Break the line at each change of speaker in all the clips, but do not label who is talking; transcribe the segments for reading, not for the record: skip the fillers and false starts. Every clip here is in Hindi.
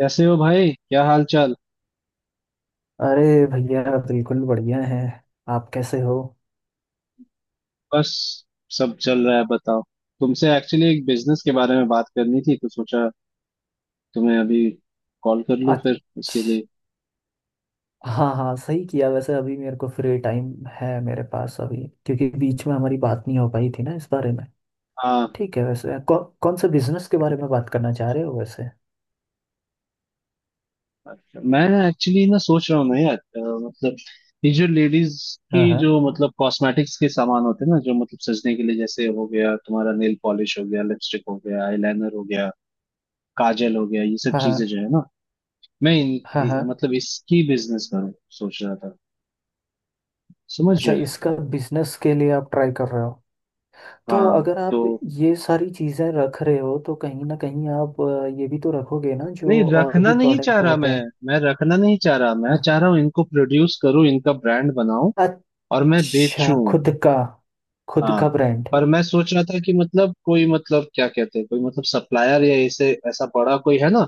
कैसे हो भाई? क्या हाल चाल?
अरे भैया, बिल्कुल बढ़िया है। आप कैसे हो?
बस, सब चल रहा है। बताओ, तुमसे एक्चुअली एक बिजनेस के बारे में बात करनी थी तो सोचा तुम्हें अभी कॉल कर लूं फिर उसके
अच्छा।
लिए।
हाँ हाँ, सही किया वैसे। अभी मेरे को फ्री टाइम है मेरे पास अभी, क्योंकि बीच में हमारी बात नहीं हो पाई थी ना इस बारे में।
हाँ,
ठीक है। वैसे कौन से बिजनेस के बारे में बात करना चाह रहे हो वैसे?
अच्छा। मैं एक्चुअली ना सोच रहा हूँ ना यार, मतलब ये जो लेडीज की
हाँ हाँ।
जो कॉस्मेटिक्स के सामान होते हैं ना, जो सजने के लिए, जैसे हो गया तुम्हारा नेल पॉलिश हो गया, लिपस्टिक हो गया, आईलाइनर हो गया, काजल हो गया, ये सब
हाँ
चीजें
हाँ।
जो है ना, मैं इन,
हाँ
इ-
हाँ।
मतलब इसकी बिजनेस करूँ, सोच रहा था। समझ
अच्छा,
रहे हो?
इसका बिजनेस के लिए आप ट्राई कर रहे हो? तो
हाँ
अगर आप
तो
ये सारी चीज़ें रख रहे हो तो कहीं ना कहीं आप ये भी तो रखोगे ना,
नहीं,
जो और
रखना
भी
नहीं चाह
प्रोडक्ट
रहा
होते
मैं।
हैं।
मैं रखना नहीं चाह रहा, मैं चाह रहा हूँ इनको प्रोड्यूस करूँ, इनका ब्रांड बनाऊं
हाँ।
और मैं
अच्छा,
बेचूं।
खुद का। खुद
हाँ,
का ब्रांड।
पर मैं सोच रहा था कि कोई क्या कहते हैं, कोई सप्लायर या ऐसे ऐसा बड़ा कोई है ना,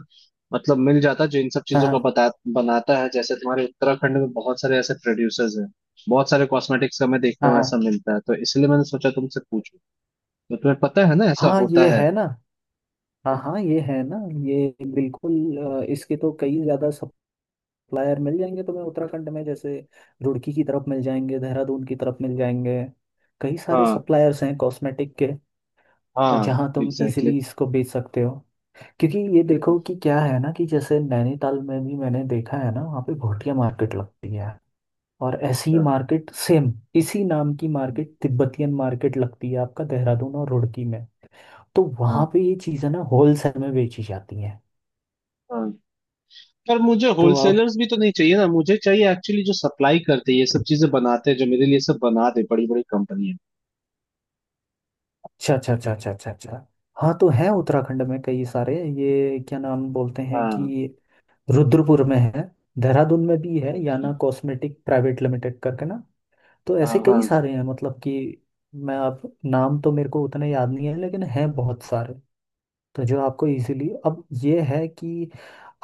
मिल जाता जो इन सब
हाँ
चीजों का
हाँ।
बता बनाता है। जैसे तुम्हारे उत्तराखंड में बहुत सारे ऐसे प्रोड्यूसर्स हैं, बहुत सारे कॉस्मेटिक्स का मैं देखता हूँ
हाँ
ऐसा मिलता है, तो इसलिए मैंने सोचा तुमसे पूछूं। तो तुम्हें पता है ना, ऐसा
हाँ हाँ,
होता
ये
है?
है ना। हाँ हाँ, ये है ना। ये बिल्कुल इसके तो कई ज़्यादा सप्लायर मिल जाएंगे तुम्हें उत्तराखंड में। जैसे रुड़की की तरफ मिल जाएंगे, देहरादून की तरफ मिल जाएंगे। कई सारे
हाँ
सप्लायर्स हैं कॉस्मेटिक के। और
हाँ,
जहाँ तुम
एग्जैक्टली।
इजीली इसको बेच सकते हो। क्योंकि ये देखो कि क्या है ना, कि जैसे नैनीताल में भी मैंने देखा है ना, वहाँ पे भोटिया मार्केट लगती है। और ऐसी ही
हाँ
मार्केट, सेम इसी नाम की मार्केट, तिब्बतियन मार्केट लगती है आपका देहरादून और रुड़की में। तो
हाँ
वहां पे ये चीजें ना होलसेल में बेची जाती हैं।
हाँ, पर मुझे
तो आप,
होलसेलर्स भी तो नहीं चाहिए ना। मुझे चाहिए एक्चुअली जो सप्लाई करते हैं, ये सब चीजें बनाते हैं, जो मेरे लिए सब बना दे, बड़ी बड़ी कंपनी है।
अच्छा अच्छा अच्छा, अच्छा अच्छा अच्छा। हाँ, तो है उत्तराखंड में कई सारे, ये क्या नाम बोलते हैं
हाँ।
कि रुद्रपुर में है, देहरादून में भी है, याना
अच्छा।
कॉस्मेटिक प्राइवेट लिमिटेड करके ना। तो ऐसे
हाँ हाँ,
कई सारे हैं, मतलब कि मैं, आप नाम तो मेरे को उतने याद नहीं है, लेकिन हैं बहुत सारे। तो जो आपको इजीली, अब ये है कि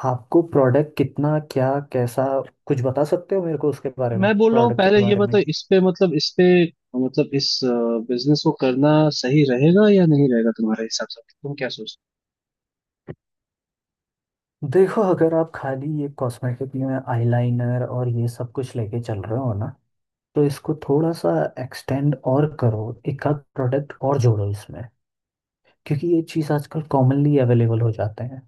आपको प्रोडक्ट कितना क्या कैसा, कुछ बता सकते हो मेरे को उसके बारे में,
मैं बोल रहा हूँ
प्रोडक्ट
पहले
के
ये
बारे में
बताओ,
कि,
इस पे इस बिजनेस को करना सही रहेगा या नहीं रहेगा तुम्हारे हिसाब से? तुम क्या?
देखो, अगर आप खाली ये कॉस्मेटिक में आईलाइनर और ये सब कुछ लेके चल रहे हो ना, तो इसको थोड़ा सा एक्सटेंड और करो, एक आध प्रोडक्ट और जोड़ो इसमें। क्योंकि ये चीज़ आजकल कॉमनली अवेलेबल हो जाते हैं।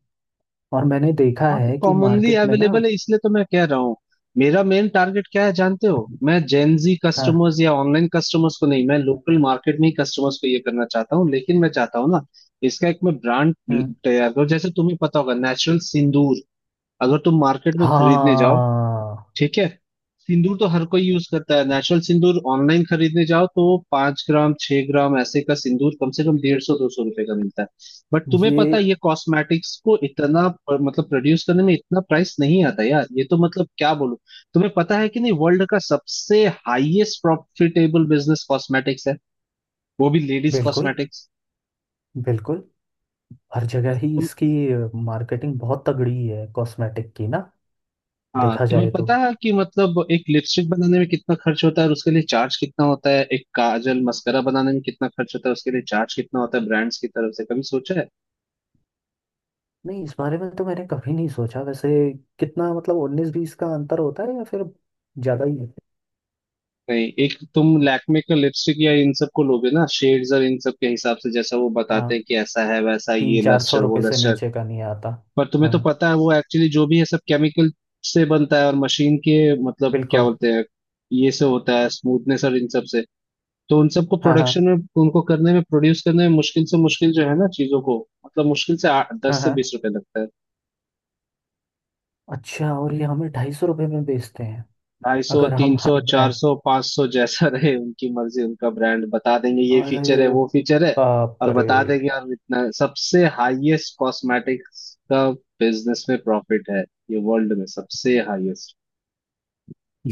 और मैंने देखा
हाँ, तो
है कि
कॉमनली
मार्केट में ना,
अवेलेबल है इसलिए तो मैं कह रहा हूँ। मेरा मेन टारगेट क्या है जानते हो? मैं जेनजी
हाँ।
कस्टमर्स या ऑनलाइन कस्टमर्स को नहीं, मैं लोकल मार्केट में ही कस्टमर्स को ये करना चाहता हूँ। लेकिन मैं चाहता हूँ ना, इसका एक मैं ब्रांड
हम्म।
तैयार करूँ। जैसे तुम्हें पता होगा, नेचुरल सिंदूर अगर तुम मार्केट में खरीदने जाओ,
हाँ,
ठीक है, सिंदूर तो हर कोई यूज करता है, नेचुरल सिंदूर ऑनलाइन खरीदने जाओ तो पांच ग्राम छह ग्राम ऐसे का सिंदूर कम से कम डेढ़ सौ दो सौ रुपए का मिलता है। बट तुम्हें
ये
पता है ये कॉस्मेटिक्स को इतना प्रोड्यूस करने में इतना प्राइस नहीं आता यार। ये तो क्या बोलूं, तुम्हें पता है कि नहीं, वर्ल्ड का सबसे हाईएस्ट प्रॉफिटेबल बिजनेस कॉस्मेटिक्स है, वो भी लेडीज
बिल्कुल,
कॉस्मेटिक्स।
बिल्कुल हर जगह ही इसकी मार्केटिंग बहुत तगड़ी है कॉस्मेटिक की ना।
हाँ,
देखा
तुम्हें
जाए तो,
पता है कि एक लिपस्टिक बनाने में कितना खर्च होता है और उसके लिए चार्ज कितना होता है? एक काजल मस्करा बनाने में कितना खर्च होता है, उसके लिए चार्ज कितना होता है ब्रांड्स की तरफ से, कभी सोचा है?
नहीं, इस बारे में तो मैंने कभी नहीं सोचा वैसे। कितना मतलब उन्नीस बीस का अंतर होता है, या फिर ज़्यादा ही है?
नहीं, एक तुम लैक्मे का लिपस्टिक या इन सब को लोगे ना, शेड्स और इन सब के हिसाब से, जैसा वो
हाँ।
बताते हैं कि ऐसा है वैसा है,
तीन
ये
चार सौ
लस्टर वो
रुपये से
लस्टर।
नीचे का नहीं आता।
पर तुम्हें तो
हाँ।
पता है वो एक्चुअली जो भी है सब केमिकल से बनता है और मशीन के क्या
बिल्कुल।
बोलते हैं, ये से होता है स्मूथनेस और इन सब से। तो उन सबको
हाँ हाँ।
प्रोडक्शन में, उनको करने में, प्रोड्यूस करने में मुश्किल से, मुश्किल जो है ना चीजों को, मुश्किल से आठ
हाँ
दस से
हाँ।
बीस रुपए लगता है।
अच्छा, और ये हमें 250 रुपये में बेचते हैं?
ढाई सौ
अगर
तीन
हम
सौ
हाई
चार
ब्रांड,
सौ पांच सौ जैसा रहे, उनकी मर्जी, उनका ब्रांड, बता देंगे ये फीचर है
अरे
वो फीचर है
बाप
और
रे!
बता देंगे। और इतना सबसे हाईएस्ट कॉस्मेटिक्स का बिजनेस में प्रॉफिट है, ये वर्ल्ड में सबसे हाईएस्ट।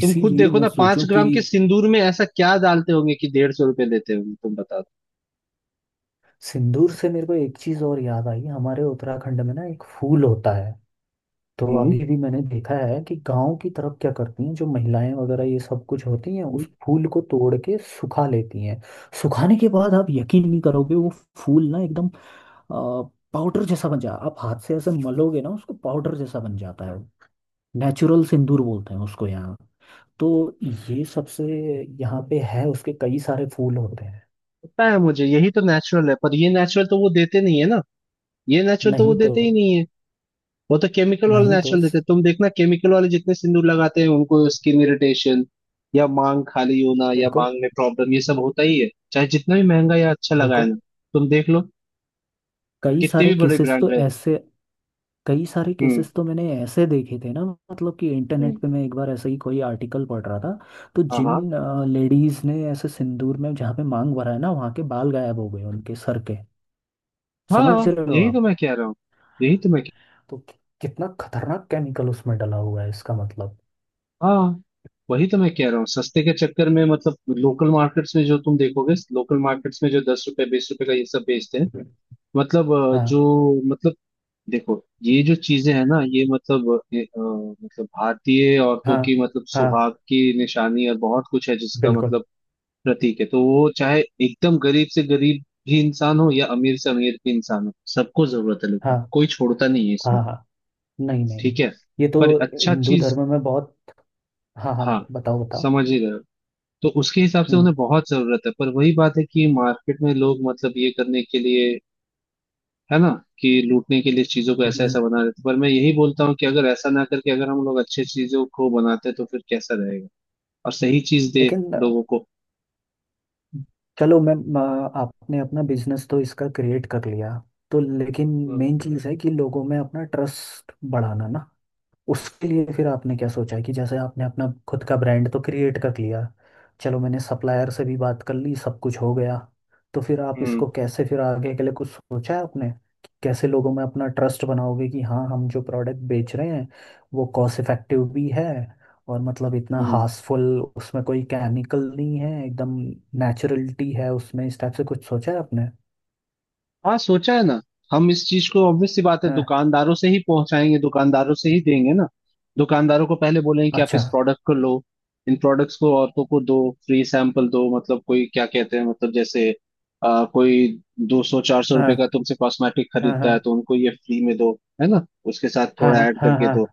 तुम खुद देखो
मैं
ना, पांच
सोचूं कि,
ग्राम के सिंदूर में ऐसा क्या डालते होंगे कि डेढ़ सौ रुपए लेते होंगे, तुम बता
सिंदूर से मेरे को एक चीज़ और याद आई। हमारे उत्तराखंड में ना एक फूल होता है।
दो।
तो अभी भी मैंने देखा है कि गांव की तरफ क्या करती हैं जो महिलाएं वगैरह ये सब कुछ होती हैं,
हम्म,
उस फूल को तोड़ के सुखा लेती हैं। सुखाने के बाद आप यकीन नहीं करोगे, वो फूल ना एकदम पाउडर जैसा बन जा, आप हाथ से ऐसे मलोगे ना उसको, पाउडर जैसा बन जाता है। नेचुरल सिंदूर बोलते हैं उसको यहाँ। तो ये सबसे, यहाँ पे है, उसके कई सारे फूल होते हैं।
पता है मुझे, यही तो नेचुरल है, पर ये नेचुरल तो वो देते नहीं है ना, ये नेचुरल तो वो
नहीं तो।
देते ही नहीं है। वो तो केमिकल वाले
नहीं तो।
नेचुरल देते हैं। तुम देखना केमिकल वाले जितने सिंदूर लगाते हैं उनको स्किन इरिटेशन या मांग खाली होना या
बिल्कुल।
मांग में प्रॉब्लम, ये सब होता ही है, चाहे जितना भी महंगा या अच्छा लगाए
बिल्कुल।
ना। तुम देख लो,
कई
कितने
सारे
भी बड़े
केसेस तो
ब्रांड रहे।
ऐसे, कई सारे
हम्म
केसेस तो मैंने ऐसे देखे थे ना, मतलब कि इंटरनेट
हम्म,
पे मैं एक बार ऐसे ही कोई आर्टिकल पढ़ रहा था। तो
हाँ
जिन लेडीज ने ऐसे सिंदूर में जहाँ पे मांग भरा है ना, वहाँ के बाल गायब हो गए उनके सर के।
हाँ,
समझ
हाँ
रहे हो
यही तो
आप?
मैं कह रहा हूँ, यही तो मैं।
तो कितना खतरनाक केमिकल उसमें डला हुआ है इसका मतलब।
हाँ, वही तो मैं कह रहा हूँ। सस्ते के चक्कर में, लोकल मार्केट्स में जो तुम देखोगे, लोकल मार्केट्स में जो दस रुपए बीस रुपए का ये सब बेचते हैं, मतलब अ,
हाँ
जो मतलब देखो, ये जो चीजें हैं ना, ये भारतीय औरतों
हाँ
की
हाँ।
सुहाग की निशानी और बहुत कुछ है, जिसका
बिल्कुल।
प्रतीक है। तो वो चाहे एकदम गरीब से गरीब भी इंसान हो या अमीर से अमीर भी इंसान हो, सबको जरूरत है, लेकिन
हाँ
कोई छोड़ता नहीं है इसमें।
हाँ हाँ। नहीं नहीं नहीं।
ठीक है,
ये तो
पर अच्छा
हिंदू
चीज।
धर्म में बहुत, हाँ हाँ,
हाँ,
बताओ बताओ।
समझ ही रहे हो। तो उसके हिसाब से उन्हें
हम्म,
बहुत जरूरत है, पर वही बात है कि मार्केट में लोग, ये करने के लिए है ना, कि लूटने के लिए चीजों को ऐसा ऐसा बना देते। पर मैं यही बोलता हूँ कि अगर ऐसा ना करके अगर हम लोग अच्छे चीजों को बनाते तो फिर कैसा रहेगा, और सही चीज दे
लेकिन
लोगों को।
चलो मैम आपने अपना बिजनेस तो इसका क्रिएट कर लिया, तो लेकिन
हम्म
मेन चीज़ है कि लोगों में अपना ट्रस्ट बढ़ाना ना। उसके लिए फिर आपने क्या सोचा है, कि जैसे आपने अपना खुद का ब्रांड तो क्रिएट कर लिया, चलो मैंने सप्लायर से भी बात कर ली, सब कुछ हो गया, तो फिर आप
हम्म
इसको कैसे फिर आगे के लिए कुछ सोचा है आपने कि कैसे लोगों में अपना ट्रस्ट बनाओगे, कि हाँ हम जो प्रोडक्ट बेच रहे हैं वो कॉस्ट इफेक्टिव भी है, और मतलब इतना
हम्म
हार्सफुल उसमें कोई केमिकल नहीं है एकदम, नेचुरलिटी है उसमें। इस टाइप से कुछ सोचा है आपने?
हाँ, सोचा है ना। हम इस चीज को, ऑब्वियस सी बात है,
हाँ।
दुकानदारों से ही पहुंचाएंगे, दुकानदारों से ही देंगे ना। दुकानदारों को पहले बोलेंगे कि आप
अच्छा।
इस प्रोडक्ट को लो, इन प्रोडक्ट्स को औरतों को दो, फ्री सैंपल दो। कोई क्या कहते हैं, जैसे कोई दो सौ चार सौ
हाँ
रुपए का तुमसे कॉस्मेटिक
हाँ हाँ
खरीदता है तो उनको ये फ्री में दो, है ना, उसके साथ
हाँ।
थोड़ा ऐड
हाँ
करके
हाँ
दो।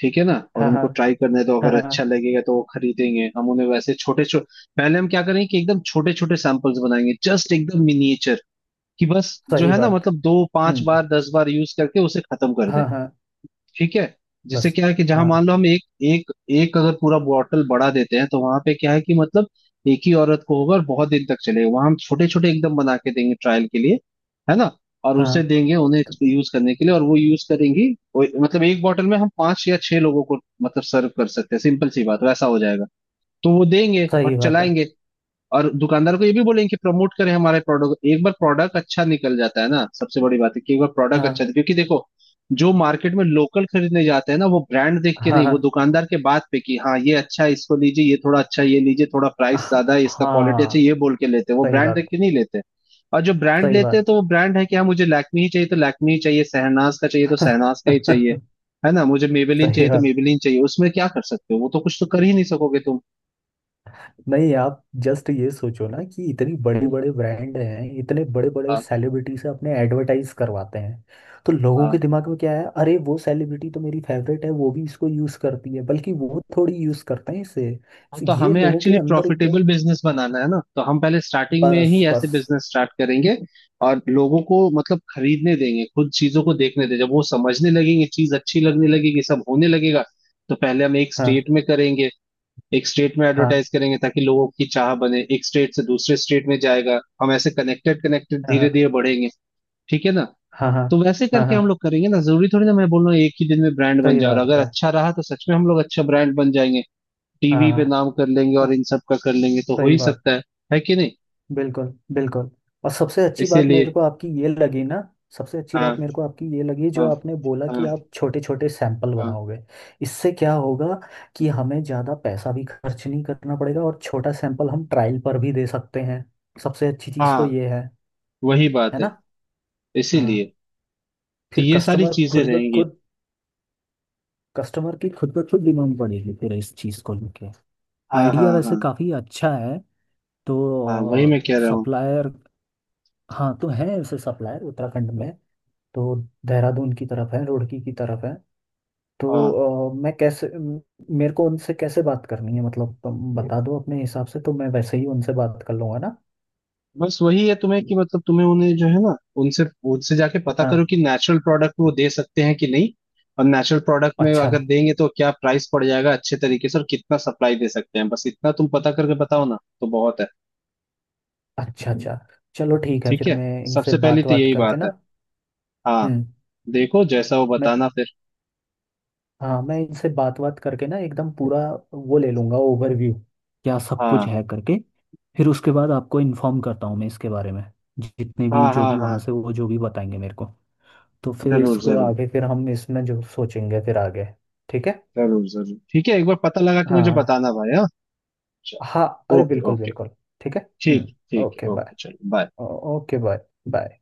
ठीक है ना, और
हाँ
उनको
हाँ
ट्राई करने दो,
हाँ
अगर
हाँ,
अच्छा लगेगा तो वो खरीदेंगे। हम उन्हें वैसे छोटे छोटे, पहले हम क्या करेंगे कि एकदम छोटे छोटे सैंपल्स बनाएंगे, जस्ट एकदम मिनिएचर, कि बस जो
सही
है ना,
बात।
दो पांच
हम्म।
बार दस बार यूज करके उसे खत्म कर दे।
हाँ हाँ।
ठीक है, जिससे
बस।
क्या है कि जहां मान
हाँ
लो हम एक एक एक अगर पूरा बॉटल बढ़ा देते हैं तो वहां पे क्या है कि एक ही औरत को होगा और बहुत दिन तक चलेगा। वहां हम छोटे छोटे एकदम बना के देंगे ट्रायल के लिए, है ना, और
हाँ,
उसे देंगे उन्हें यूज करने के लिए और वो यूज करेंगी। वो- मतलब एक बॉटल में हम पांच या छह लोगों को सर्व कर सकते हैं, सिंपल सी बात, वैसा हो जाएगा। तो वो देंगे
सही
और
बात है।
चलाएंगे। और दुकानदार को ये भी बोलेंगे कि प्रमोट करें हमारे प्रोडक्ट को। एक बार प्रोडक्ट अच्छा निकल जाता है ना, सबसे बड़ी बात है कि एक बार प्रोडक्ट
हाँ
अच्छा, क्योंकि देखो, जो मार्केट में लोकल खरीदने जाते हैं ना, वो ब्रांड देख के नहीं, वो
हाँ
दुकानदार के बात पे कि हाँ ये अच्छा है इसको लीजिए, ये थोड़ा अच्छा है, ये लीजिए, थोड़ा प्राइस
हाँ
ज्यादा है इसका, क्वालिटी अच्छा है,
हाँ।
ये बोल के लेते हैं, वो
सही
ब्रांड
बात।
देख के नहीं लेते। और जो ब्रांड
सही
लेते हैं तो
बात।
वो ब्रांड है कि हाँ मुझे लैक्मी ही चाहिए तो लैक्मी ही चाहिए, शहनाज का चाहिए तो शहनाज का ही चाहिए, है ना, मुझे मेबेलिन
सही
चाहिए तो
बात।
मेबेलिन चाहिए, उसमें क्या कर सकते हो, वो तो कुछ तो कर ही नहीं सकोगे तुम।
नहीं, आप जस्ट ये सोचो ना कि इतनी बड़े
हम्म,
बड़े ब्रांड हैं, इतने बड़े बड़े
हाँ।
सेलिब्रिटी से अपने एडवर्टाइज करवाते हैं। तो लोगों के
हाँ
दिमाग में क्या है, अरे वो सेलिब्रिटी तो मेरी फेवरेट है, वो भी इसको यूज करती है, बल्कि वो थोड़ी यूज करते हैं इसे।
हाँ,
तो
तो
ये
हमें
लोगों के
एक्चुअली
अंदर
प्रॉफिटेबल
एक,
बिजनेस बनाना है ना, तो हम पहले स्टार्टिंग में ही
बस
ऐसे
बस।
बिजनेस स्टार्ट करेंगे और लोगों को, खरीदने देंगे, खुद चीजों को देखने देंगे। जब वो समझने लगेंगे, चीज अच्छी लगने लगेगी, सब होने लगेगा। तो पहले हम एक स्टेट
हाँ
में करेंगे, एक स्टेट में
हाँ
एडवर्टाइज करेंगे ताकि लोगों की चाह बने, एक स्टेट से दूसरे स्टेट में जाएगा, हम ऐसे कनेक्टेड कनेक्टेड
हाँ
धीरे
हाँ
धीरे बढ़ेंगे। ठीक है ना,
हाँ हाँ
तो वैसे
हाँ
करके
हाँ।
हम लोग करेंगे ना। जरूरी थोड़ी ना, मैं बोल रहा हूँ एक ही दिन में ब्रांड बन
सही
जाए, और
बात
अगर
है।
अच्छा रहा तो सच में हम लोग अच्छा ब्रांड बन जाएंगे,
हाँ
टीवी पे
हाँ।
नाम कर लेंगे
स-
और इन सब का कर लेंगे, तो हो
सही
ही
बात।
सकता है कि नहीं?
बिल्कुल। बिल्कुल। और सबसे अच्छी बात
इसीलिए।
मेरे को आपकी ये लगी ना, सबसे अच्छी
हाँ
बात मेरे को आपकी ये लगी जो
हाँ
आपने बोला कि
हाँ
आप छोटे छोटे सैंपल
हाँ।
बनाओगे। इससे क्या होगा कि हमें ज़्यादा पैसा भी खर्च नहीं करना पड़ेगा, और छोटा सैंपल हम ट्रायल पर भी दे सकते हैं। सबसे अच्छी चीज़ तो
हाँ,
ये है।
वही
है
बात है,
ना। हाँ।
इसीलिए, तो
फिर
ये सारी
कस्टमर
चीजें
खुद ब
रहेंगी।
खुद, कस्टमर की खुद ब खुद डिमांड बढ़ेगी फिर इस चीज़ को लेके।
हाँ हाँ
आइडिया वैसे
हाँ।
काफ़ी अच्छा है।
हाँ, वही
तो
मैं कह रहा हूँ।
सप्लायर, हाँ तो है ऐसे सप्लायर उत्तराखंड में। तो देहरादून की तरफ है, रुड़की की तरफ है।
हाँ,
तो मैं कैसे मेरे को उनसे कैसे बात करनी है, मतलब तुम बता दो अपने हिसाब से तो मैं वैसे ही उनसे बात कर लूंगा ना।
बस वही है तुम्हें कि तुम्हें उन्हें जो है ना, उनसे उनसे जाके पता
हाँ।
करो कि नेचुरल प्रोडक्ट वो दे सकते हैं कि नहीं, और नेचुरल प्रोडक्ट में
अच्छा
अगर देंगे तो क्या प्राइस पड़ जाएगा अच्छे तरीके से, और कितना सप्लाई दे सकते हैं, बस इतना तुम पता करके बताओ ना, तो बहुत है।
अच्छा अच्छा। चलो ठीक है,
ठीक
फिर
है,
मैं इनसे
सबसे पहले
बात
तो
बात
यही
करके
बात
ना,
है। हाँ,
हम्म
देखो जैसा वो
मैं,
बताना फिर।
हाँ मैं इनसे बात बात करके ना एकदम पूरा, वो ले लूंगा ओवरव्यू, क्या सब कुछ
हाँ
है करके, फिर उसके बाद आपको इन्फॉर्म करता हूँ मैं इसके बारे में। जितने भी
हाँ
जो
हाँ
भी
हाँ,
वहाँ से वो जो भी बताएंगे मेरे को, तो फिर
जरूर
इसको
जरूर,
आगे फिर हम इसमें जो सोचेंगे फिर आगे। ठीक है।
जरूर जरूर ठीक है, एक बार पता लगा कि मुझे
हाँ।
बताना भाई। हाँ,
हाँ, अरे
ओके
बिल्कुल
ओके।
बिल्कुल। ठीक है।
ठीक ठीक,
ओके बाय।
ओके चलो बाय।
Okay bye. बाय।